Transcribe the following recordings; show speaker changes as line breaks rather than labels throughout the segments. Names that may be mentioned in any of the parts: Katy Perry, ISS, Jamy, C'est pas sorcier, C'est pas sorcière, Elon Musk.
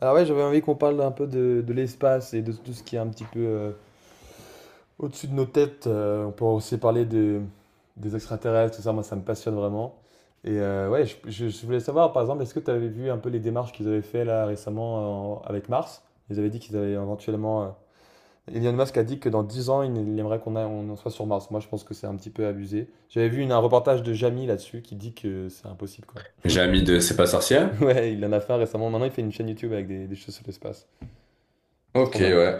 Alors ouais, j'avais envie qu'on parle un peu de l'espace et de tout ce qui est un petit peu au-dessus de nos têtes. On peut aussi parler des extraterrestres, tout ça, moi ça me passionne vraiment. Ouais, je voulais savoir par exemple, est-ce que tu avais vu un peu les démarches qu'ils avaient fait là récemment avec Mars? Ils avaient dit qu'ils avaient éventuellement. Elon Musk a dit que dans 10 ans, il aimerait qu'on en soit sur Mars. Moi je pense que c'est un petit peu abusé. J'avais vu un reportage de Jamy là-dessus qui dit que c'est impossible quoi.
J'ai ami de C'est pas sorcière?
Ouais, il en a fait un récemment. Maintenant il fait une chaîne YouTube avec des choses sur l'espace. C'est
Ok,
trop bien.
ouais.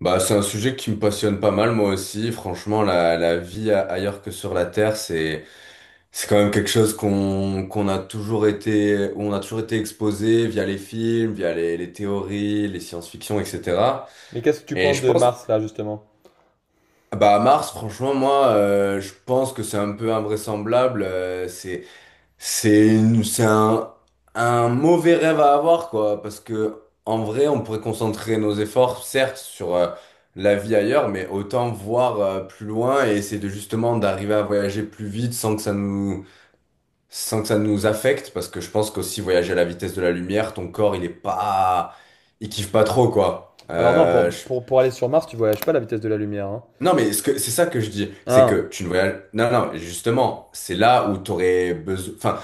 Bah, c'est un sujet qui me passionne pas mal, moi aussi. Franchement, la vie ailleurs que sur la Terre, c'est quand même quelque chose qu'on a toujours été, où on a toujours été exposé via les films, via les théories, les science-fiction, etc.
Mais qu'est-ce que tu
Et
penses
je
de
pense,
Mars, là, justement?
bah, à Mars, franchement, moi, je pense que c'est un peu invraisemblable. C'est une- c'est un mauvais rêve à avoir, quoi, parce que en vrai, on pourrait concentrer nos efforts, certes, sur la vie ailleurs, mais autant voir plus loin et essayer de justement d'arriver à voyager plus vite sans que ça sans que ça nous affecte, parce que je pense qu'aussi voyager à la vitesse de la lumière, ton corps, il kiffe pas trop, quoi.
Alors non, pour, pour, pour aller sur Mars, tu voyages pas à la vitesse de la lumière. Hein.
Non, mais c'est ça que je dis, c'est
Ah,
que tu ne voyages, non, non, justement, c'est là où t'aurais besoin, enfin,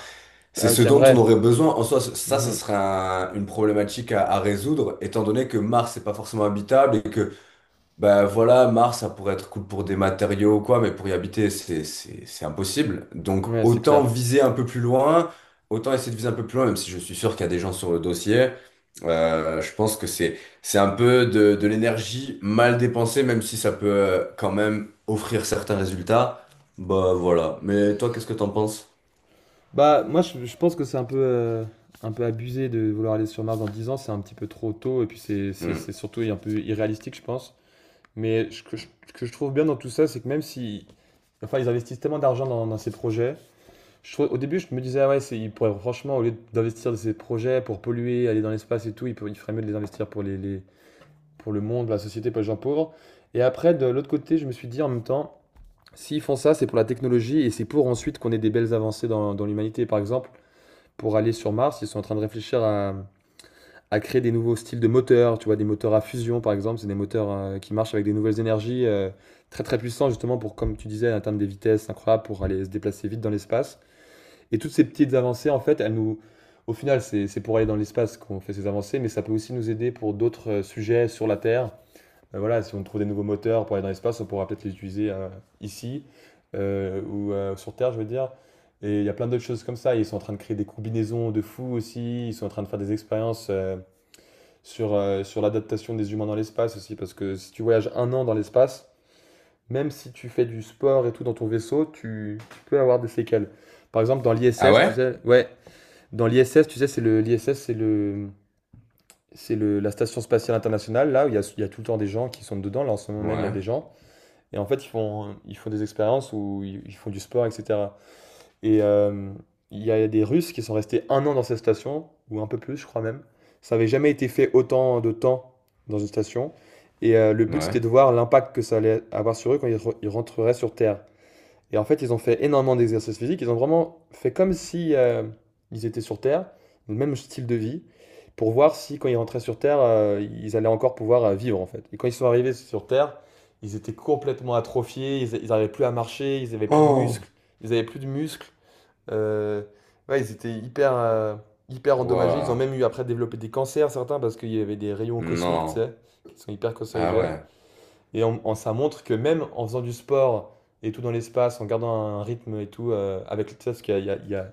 c'est
ah,
ce dont on
t'aimerais.
aurait besoin. En soi, ça, ce
Mhm.
serait une problématique à résoudre, étant donné que Mars n'est pas forcément habitable et bah voilà, Mars, ça pourrait être cool pour des matériaux ou quoi, mais pour y habiter, c'est impossible. Donc,
Ouais, c'est
autant
clair.
viser un peu plus loin, autant essayer de viser un peu plus loin, même si je suis sûr qu'il y a des gens sur le dossier. Je pense que c'est un peu de l'énergie mal dépensée, même si ça peut quand même offrir certains résultats. Bah voilà. Mais toi, qu'est-ce que t'en penses?
Bah, moi, je pense que c'est un peu abusé de vouloir aller sur Mars dans 10 ans. C'est un petit peu trop tôt. Et puis,
Hmm.
c'est surtout un peu irréalistique, je pense. Mais ce que ce que je trouve bien dans tout ça, c'est que même si... Enfin, ils investissent tellement d'argent dans ces projets. Au début, je me disais, ah ouais, ils pourraient, franchement, au lieu d'investir dans ces projets pour polluer, aller dans l'espace et tout, ils feraient mieux de les investir pour les, pour le monde, la société, pour les gens pauvres. Et après, de l'autre côté, je me suis dit en même temps, s'ils font ça, c'est pour la technologie et c'est pour ensuite qu'on ait des belles avancées dans l'humanité. Par exemple, pour aller sur Mars, ils sont en train de réfléchir à créer des nouveaux styles de moteurs, tu vois, des moteurs à fusion par exemple, c'est des moteurs qui marchent avec des nouvelles énergies très très puissants justement pour, comme tu disais, atteindre des vitesses incroyables pour aller se déplacer vite dans l'espace. Et toutes ces petites avancées, en fait, elles nous, au final, c'est pour aller dans l'espace qu'on fait ces avancées, mais ça peut aussi nous aider pour d'autres sujets sur la Terre voilà, si on trouve des nouveaux moteurs pour aller dans l'espace, on pourra peut-être les utiliser ici ou sur Terre, je veux dire. Et il y a plein d'autres choses comme ça. Ils sont en train de créer des combinaisons de fous aussi. Ils sont en train de faire des expériences sur sur l'adaptation des humains dans l'espace aussi. Parce que si tu voyages un an dans l'espace, même si tu fais du sport et tout dans ton vaisseau, tu peux avoir des séquelles. Par exemple, dans
Ah
l'ISS, tu
ouais?
sais, ouais, dans l'ISS, tu sais, l'ISS, c'est la station spatiale internationale, là où il y a tout le temps des gens qui sont dedans. Là, en ce moment même, il y a
Ouais.
des gens. Et en fait, ils font des expériences où ils font du sport, etc. Et euh, il y a des Russes qui sont restés un an dans cette station, ou un peu plus, je crois même. Ça n'avait jamais été fait autant de temps dans une station. Le but, c'était
Ouais.
de voir l'impact que ça allait avoir sur eux quand ils rentreraient sur Terre. Et en fait, ils ont fait énormément d'exercices physiques. Ils ont vraiment fait comme si ils étaient sur Terre, le même style de vie, pour voir si quand ils rentraient sur Terre, ils allaient encore pouvoir vivre en fait. Et quand ils sont arrivés sur Terre, ils étaient complètement atrophiés. N'arrivaient plus à marcher. Ils n'avaient plus de muscles.
Oh!
Ils n'avaient plus de muscles. Euh, ouais, ils étaient hyper, hyper endommagés. Ils
Waouh.
ont même eu après développé des cancers certains parce qu'il y avait des rayons cosmiques, tu
Non.
sais, qui sont hyper
Ah
cancérigènes.
ouais.
Et ça montre que même en faisant du sport et tout dans l'espace, en gardant un rythme et tout, avec tu sais, parce qu'il y a, il y a- il y a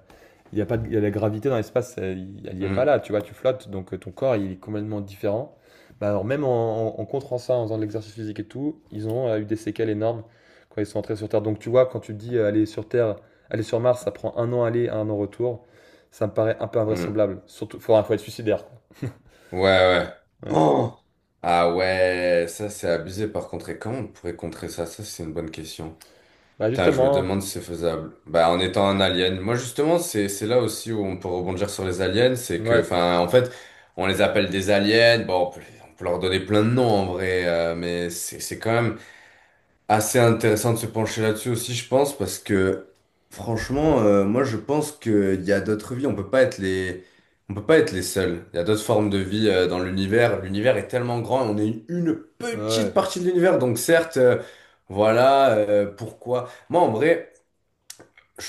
il y a pas de, il y a la gravité dans l'espace, elle n'y est pas
Hmm,
là, tu vois, tu flottes, donc ton corps il est complètement différent. Bah alors même en contrant ça, en faisant de l'exercice physique et tout, ils ont eu des séquelles énormes quand ils sont entrés sur Terre. Donc tu vois, quand tu dis aller sur Mars, ça prend un an aller, un an retour, ça me paraît un peu
hmm.
invraisemblable. Surtout, faut être suicidaire, quoi.
Ouais, ouais.
Ouais.
Oh! Ah ouais, ça c'est abusé par contre. Et comment on pourrait contrer ça? Ça c'est une bonne question.
Bah
Putain, je me
justement,
demande si c'est faisable. Bah en étant un alien. Moi justement, c'est là aussi où on peut rebondir sur les aliens, c'est que,
ouais,
enfin, en fait, on les appelle des aliens. Bon, on peut leur donner plein de noms en vrai, mais c'est quand même assez intéressant de se pencher là-dessus aussi, je pense, parce que franchement, moi je pense qu'il y a d'autres vies, on peut pas être les seuls. Il y a d'autres formes de vie dans l'univers. L'univers est tellement grand et on est une
ouais,
petite
ouais.
partie de l'univers, donc certes, voilà, pourquoi. Moi en vrai je,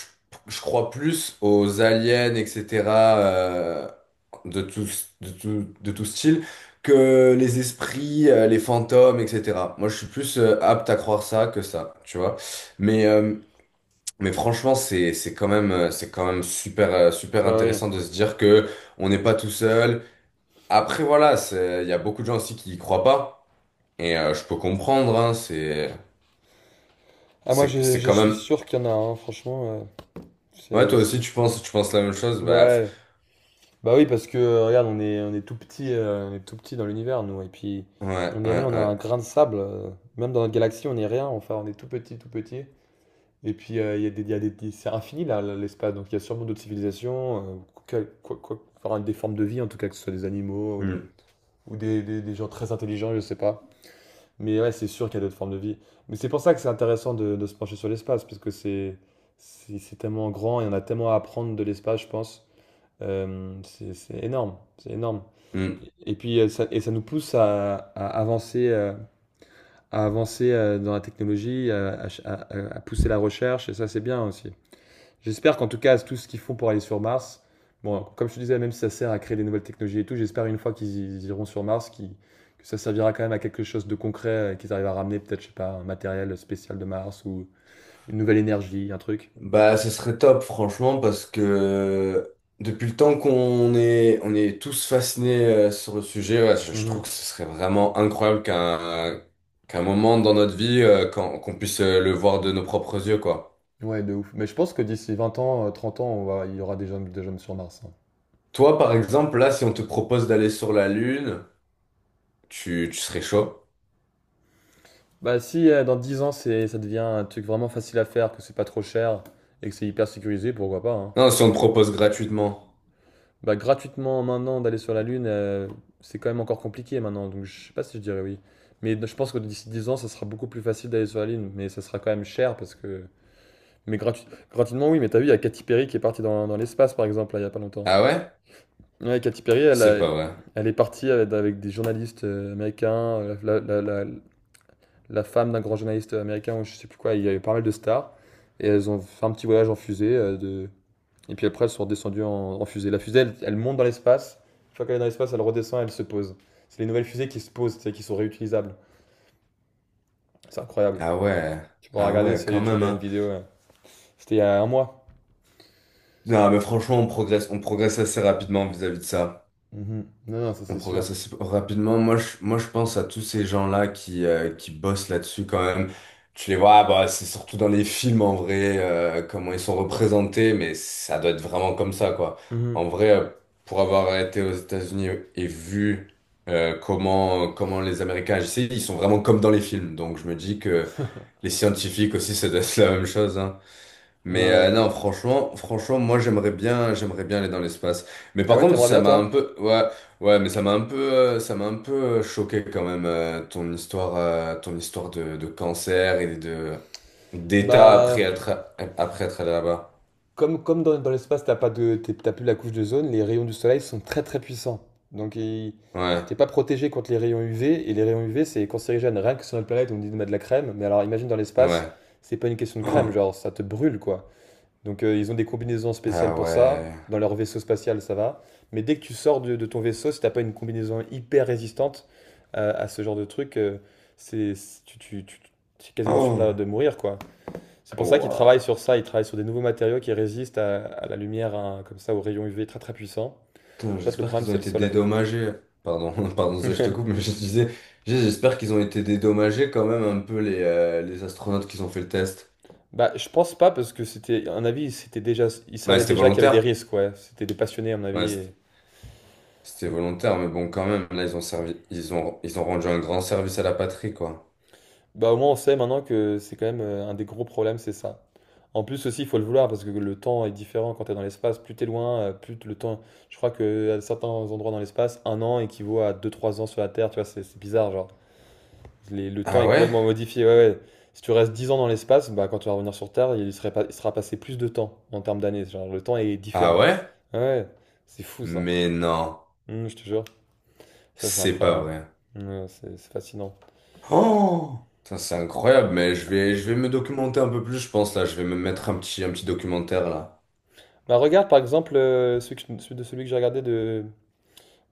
je crois plus aux aliens, etc. euh, de tout, de tout style que les esprits, les fantômes, etc. Moi, je suis plus apte à croire ça que ça, tu vois. Mais, euh, mais franchement, c'est quand même super, super
Bah oui.
intéressant de se dire que on n'est pas tout seul. Après, voilà, il y a beaucoup de gens aussi qui y croient pas. Et je peux comprendre, hein,
Ah, moi,
c'est
je
quand
suis
même.
sûr qu'il y en a, hein, franchement.
Ouais,
C'est,
toi aussi,
c'est-
tu penses la même chose. Bah,
Ouais. Bah oui, parce que, regarde, on est tout petit, on est tout petit dans l'univers, nous. Et puis, on est rien, on a
ouais.
un grain de sable. Même dans notre galaxie, on est rien. Enfin, on est tout petit, tout petit. Et puis, il y a des, il y a des- c'est infini, là, l'espace. Donc, il y a sûrement d'autres civilisations, enfin, des formes de vie, en tout cas, que ce soit des animaux ou des,
Mm,
ou des, des, des gens très intelligents, je sais pas. Mais ouais, c'est sûr qu'il y a d'autres formes de vie. Mais c'est pour ça que c'est intéressant de se pencher sur l'espace, parce que c'est tellement grand et on a tellement à apprendre de l'espace, je pense. C'est énorme, c'est énorme.
mm.
Et puis et ça nous pousse à avancer, dans la technologie, à ch- à pousser la recherche, et ça c'est bien aussi. J'espère qu'en tout cas, tout ce qu'ils font pour aller sur Mars, bon, comme je te disais, même si ça sert à créer des nouvelles technologies et tout, j'espère une fois qu'ils iront sur Mars, que ça servira quand même à quelque chose de concret, qu'ils arrivent à ramener peut-être, je sais pas, un matériel spécial de Mars ou une nouvelle énergie, un truc.
Bah, ce serait top, franchement, parce que depuis le temps qu'on est, on est tous fascinés sur le sujet, ouais, je trouve
Mhm.
que ce serait vraiment incroyable qu'un moment dans notre vie, qu'on puisse le voir de nos propres yeux, quoi.
Ouais, de ouf. Mais je pense que d'ici 20 ans, 30 ans, il y aura des hommes sur Mars. Hein.
Toi, par exemple, là, si on te propose d'aller sur la Lune, tu serais chaud?
Bah si dans 10 ans, ça devient un truc vraiment facile à faire, que c'est pas trop cher et que c'est hyper sécurisé, pourquoi pas, hein.
Non, si on te propose gratuitement.
Bah, gratuitement maintenant d'aller sur la Lune, c'est quand même encore compliqué maintenant, donc je sais pas si je dirais oui. Mais je pense que d'ici 10 ans, ça sera beaucoup plus facile d'aller sur la Lune, mais ça sera quand même cher parce que. Mais gratu- Gratuitement, oui, mais t'as vu, il y a Katy Perry qui est partie dans l'espace par exemple, là, il y a pas longtemps.
Ah ouais?
Ouais, Katy Perry,
C'est pas vrai.
elle est partie avec des journalistes américains, euh, la, la- la- la femme d'un grand journaliste américain, ou je sais plus quoi, il y avait pas mal de stars, et elles ont fait un petit voyage en fusée et puis après, elles sont redescendues en fusée. La fusée, elle monte dans l'espace. Une fois qu'elle est dans l'espace, elle redescend, elle se pose. C'est les nouvelles fusées qui se posent, tu sais, qui sont réutilisables. C'est incroyable.
Ah ouais.
Tu pourras
Ah
regarder
ouais,
sur
quand
YouTube, il
même,
y a une
hein.
vidéo. Ouais. C'était il y a un mois.
Non, mais franchement, on progresse assez rapidement vis-à-vis de ça.
Mhm. Non, non, ça
On
c'est sûr.
progresse assez rapidement. Moi, je pense à tous ces gens-là qui bossent là-dessus quand même. Tu les vois, ah, bah, c'est surtout dans les films en vrai, comment ils sont représentés, mais ça doit être vraiment comme ça, quoi. En
Mhm.
vrai, pour avoir été aux États-Unis et vu comment les Américains agissaient, ils sont vraiment comme dans les films. Donc, je me dis que les scientifiques aussi, ça doit être la même chose, hein.
Ouais,
Mais
ouais.
non, franchement, moi j'aimerais bien aller dans l'espace. Mais
Ah
par
ouais,
contre,
t'aimerais
ça
bien
m'a un
toi?
peu, ouais, ouais, mais ça m'a un peu, ça m'a un peu choqué quand même ton histoire de cancer et de d'état
Bah,
après être allé là-bas.
comme, comme dans, dans l'espace, t'as pas de, t'as plus la couche de zone, les rayons du soleil sont très très puissants. Donc
Ouais,
t'es pas protégé contre les rayons UV, et les rayons UV c'est cancérigène. Rien que sur notre planète, on dit de mettre de la crème, mais alors imagine dans l'espace,
ouais.
c'est pas une question de crème,
Oh.
genre ça te brûle quoi. Donc ils ont des combinaisons
Ah
spéciales pour
ouais.
ça, dans leur vaisseau spatial ça va. Mais dès que tu sors de ton vaisseau, si t'as pas une combinaison hyper résistante à ce genre de truc, c'est, c'est- tu, tu, tu- tu es quasiment sûr
Oh.
de mourir quoi. C'est pour ça qu'ils travaillent
Ouah.
sur ça, ils travaillent sur des nouveaux matériaux qui résistent à la lumière, hein, comme ça, aux rayons UV très très puissants.
Putain,
En fait, le
j'espère
problème,
qu'ils ont
c'est le
été
soleil.
dédommagés. Pardon, pardon, ça, je te coupe, mais je disais, j'espère qu'ils ont été dédommagés quand même un peu les astronautes qui ont fait le test.
Bah, je pense pas parce que c'était, à mon avis, c'était déjà, ils
Ouais,
savaient
c'était
déjà qu'il y avait des
volontaire.
risques, ouais. C'était des passionnés, à mon avis.
Ouais, c-
Et.
c'était volontaire, mais bon, quand même, là, ils ont servi, ils ont rendu un grand service à la patrie, quoi.
Bah, au moins, on sait maintenant que c'est quand même un des gros problèmes, c'est ça. En plus aussi, il faut le vouloir parce que le temps est différent quand tu es dans l'espace. Plus t'es loin, le temps. Je crois que à certains endroits dans l'espace, un an équivaut à 2 3 ans sur la Terre. Tu vois, c'est bizarre, genre. Le temps
Ah
est
ouais?
complètement modifié. Ouais, ouais. Si tu restes 10 ans dans l'espace, bah, quand tu vas revenir sur Terre, il serait pas- il sera passé plus de temps en termes d'années. Genre, le temps est
Ah
différent.
ouais?
Ouais, ouais. C'est fou ça.
Mais non,
Je te jure. Ça, c'est
c'est pas
incroyable.
vrai.
Ouais, c'est fascinant.
Oh! Putain, c'est incroyable, mais je vais me documenter un peu plus, je pense, là. Je vais me mettre un petit documentaire, là.
Bah, regarde par exemple celui de celui que j'ai regardé de,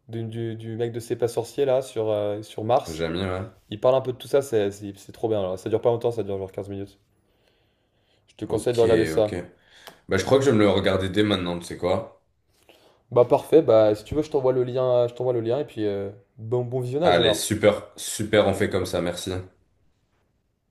du, du- du mec de C'est pas sorcier là sur, sur Mars.
Jamais, ouais.
Il parle un peu de tout ça, c'est trop bien. Alors. Ça dure pas longtemps, ça dure genre 15 minutes. Je te conseille de
Ok,
regarder
ok.
ça.
Bah, je crois que je vais me le regarder dès maintenant, tu sais quoi?
Bah parfait, bah si tu veux, je t'envoie le lien et puis bon, bon visionnage
Allez,
alors.
super, super, on fait comme ça, merci.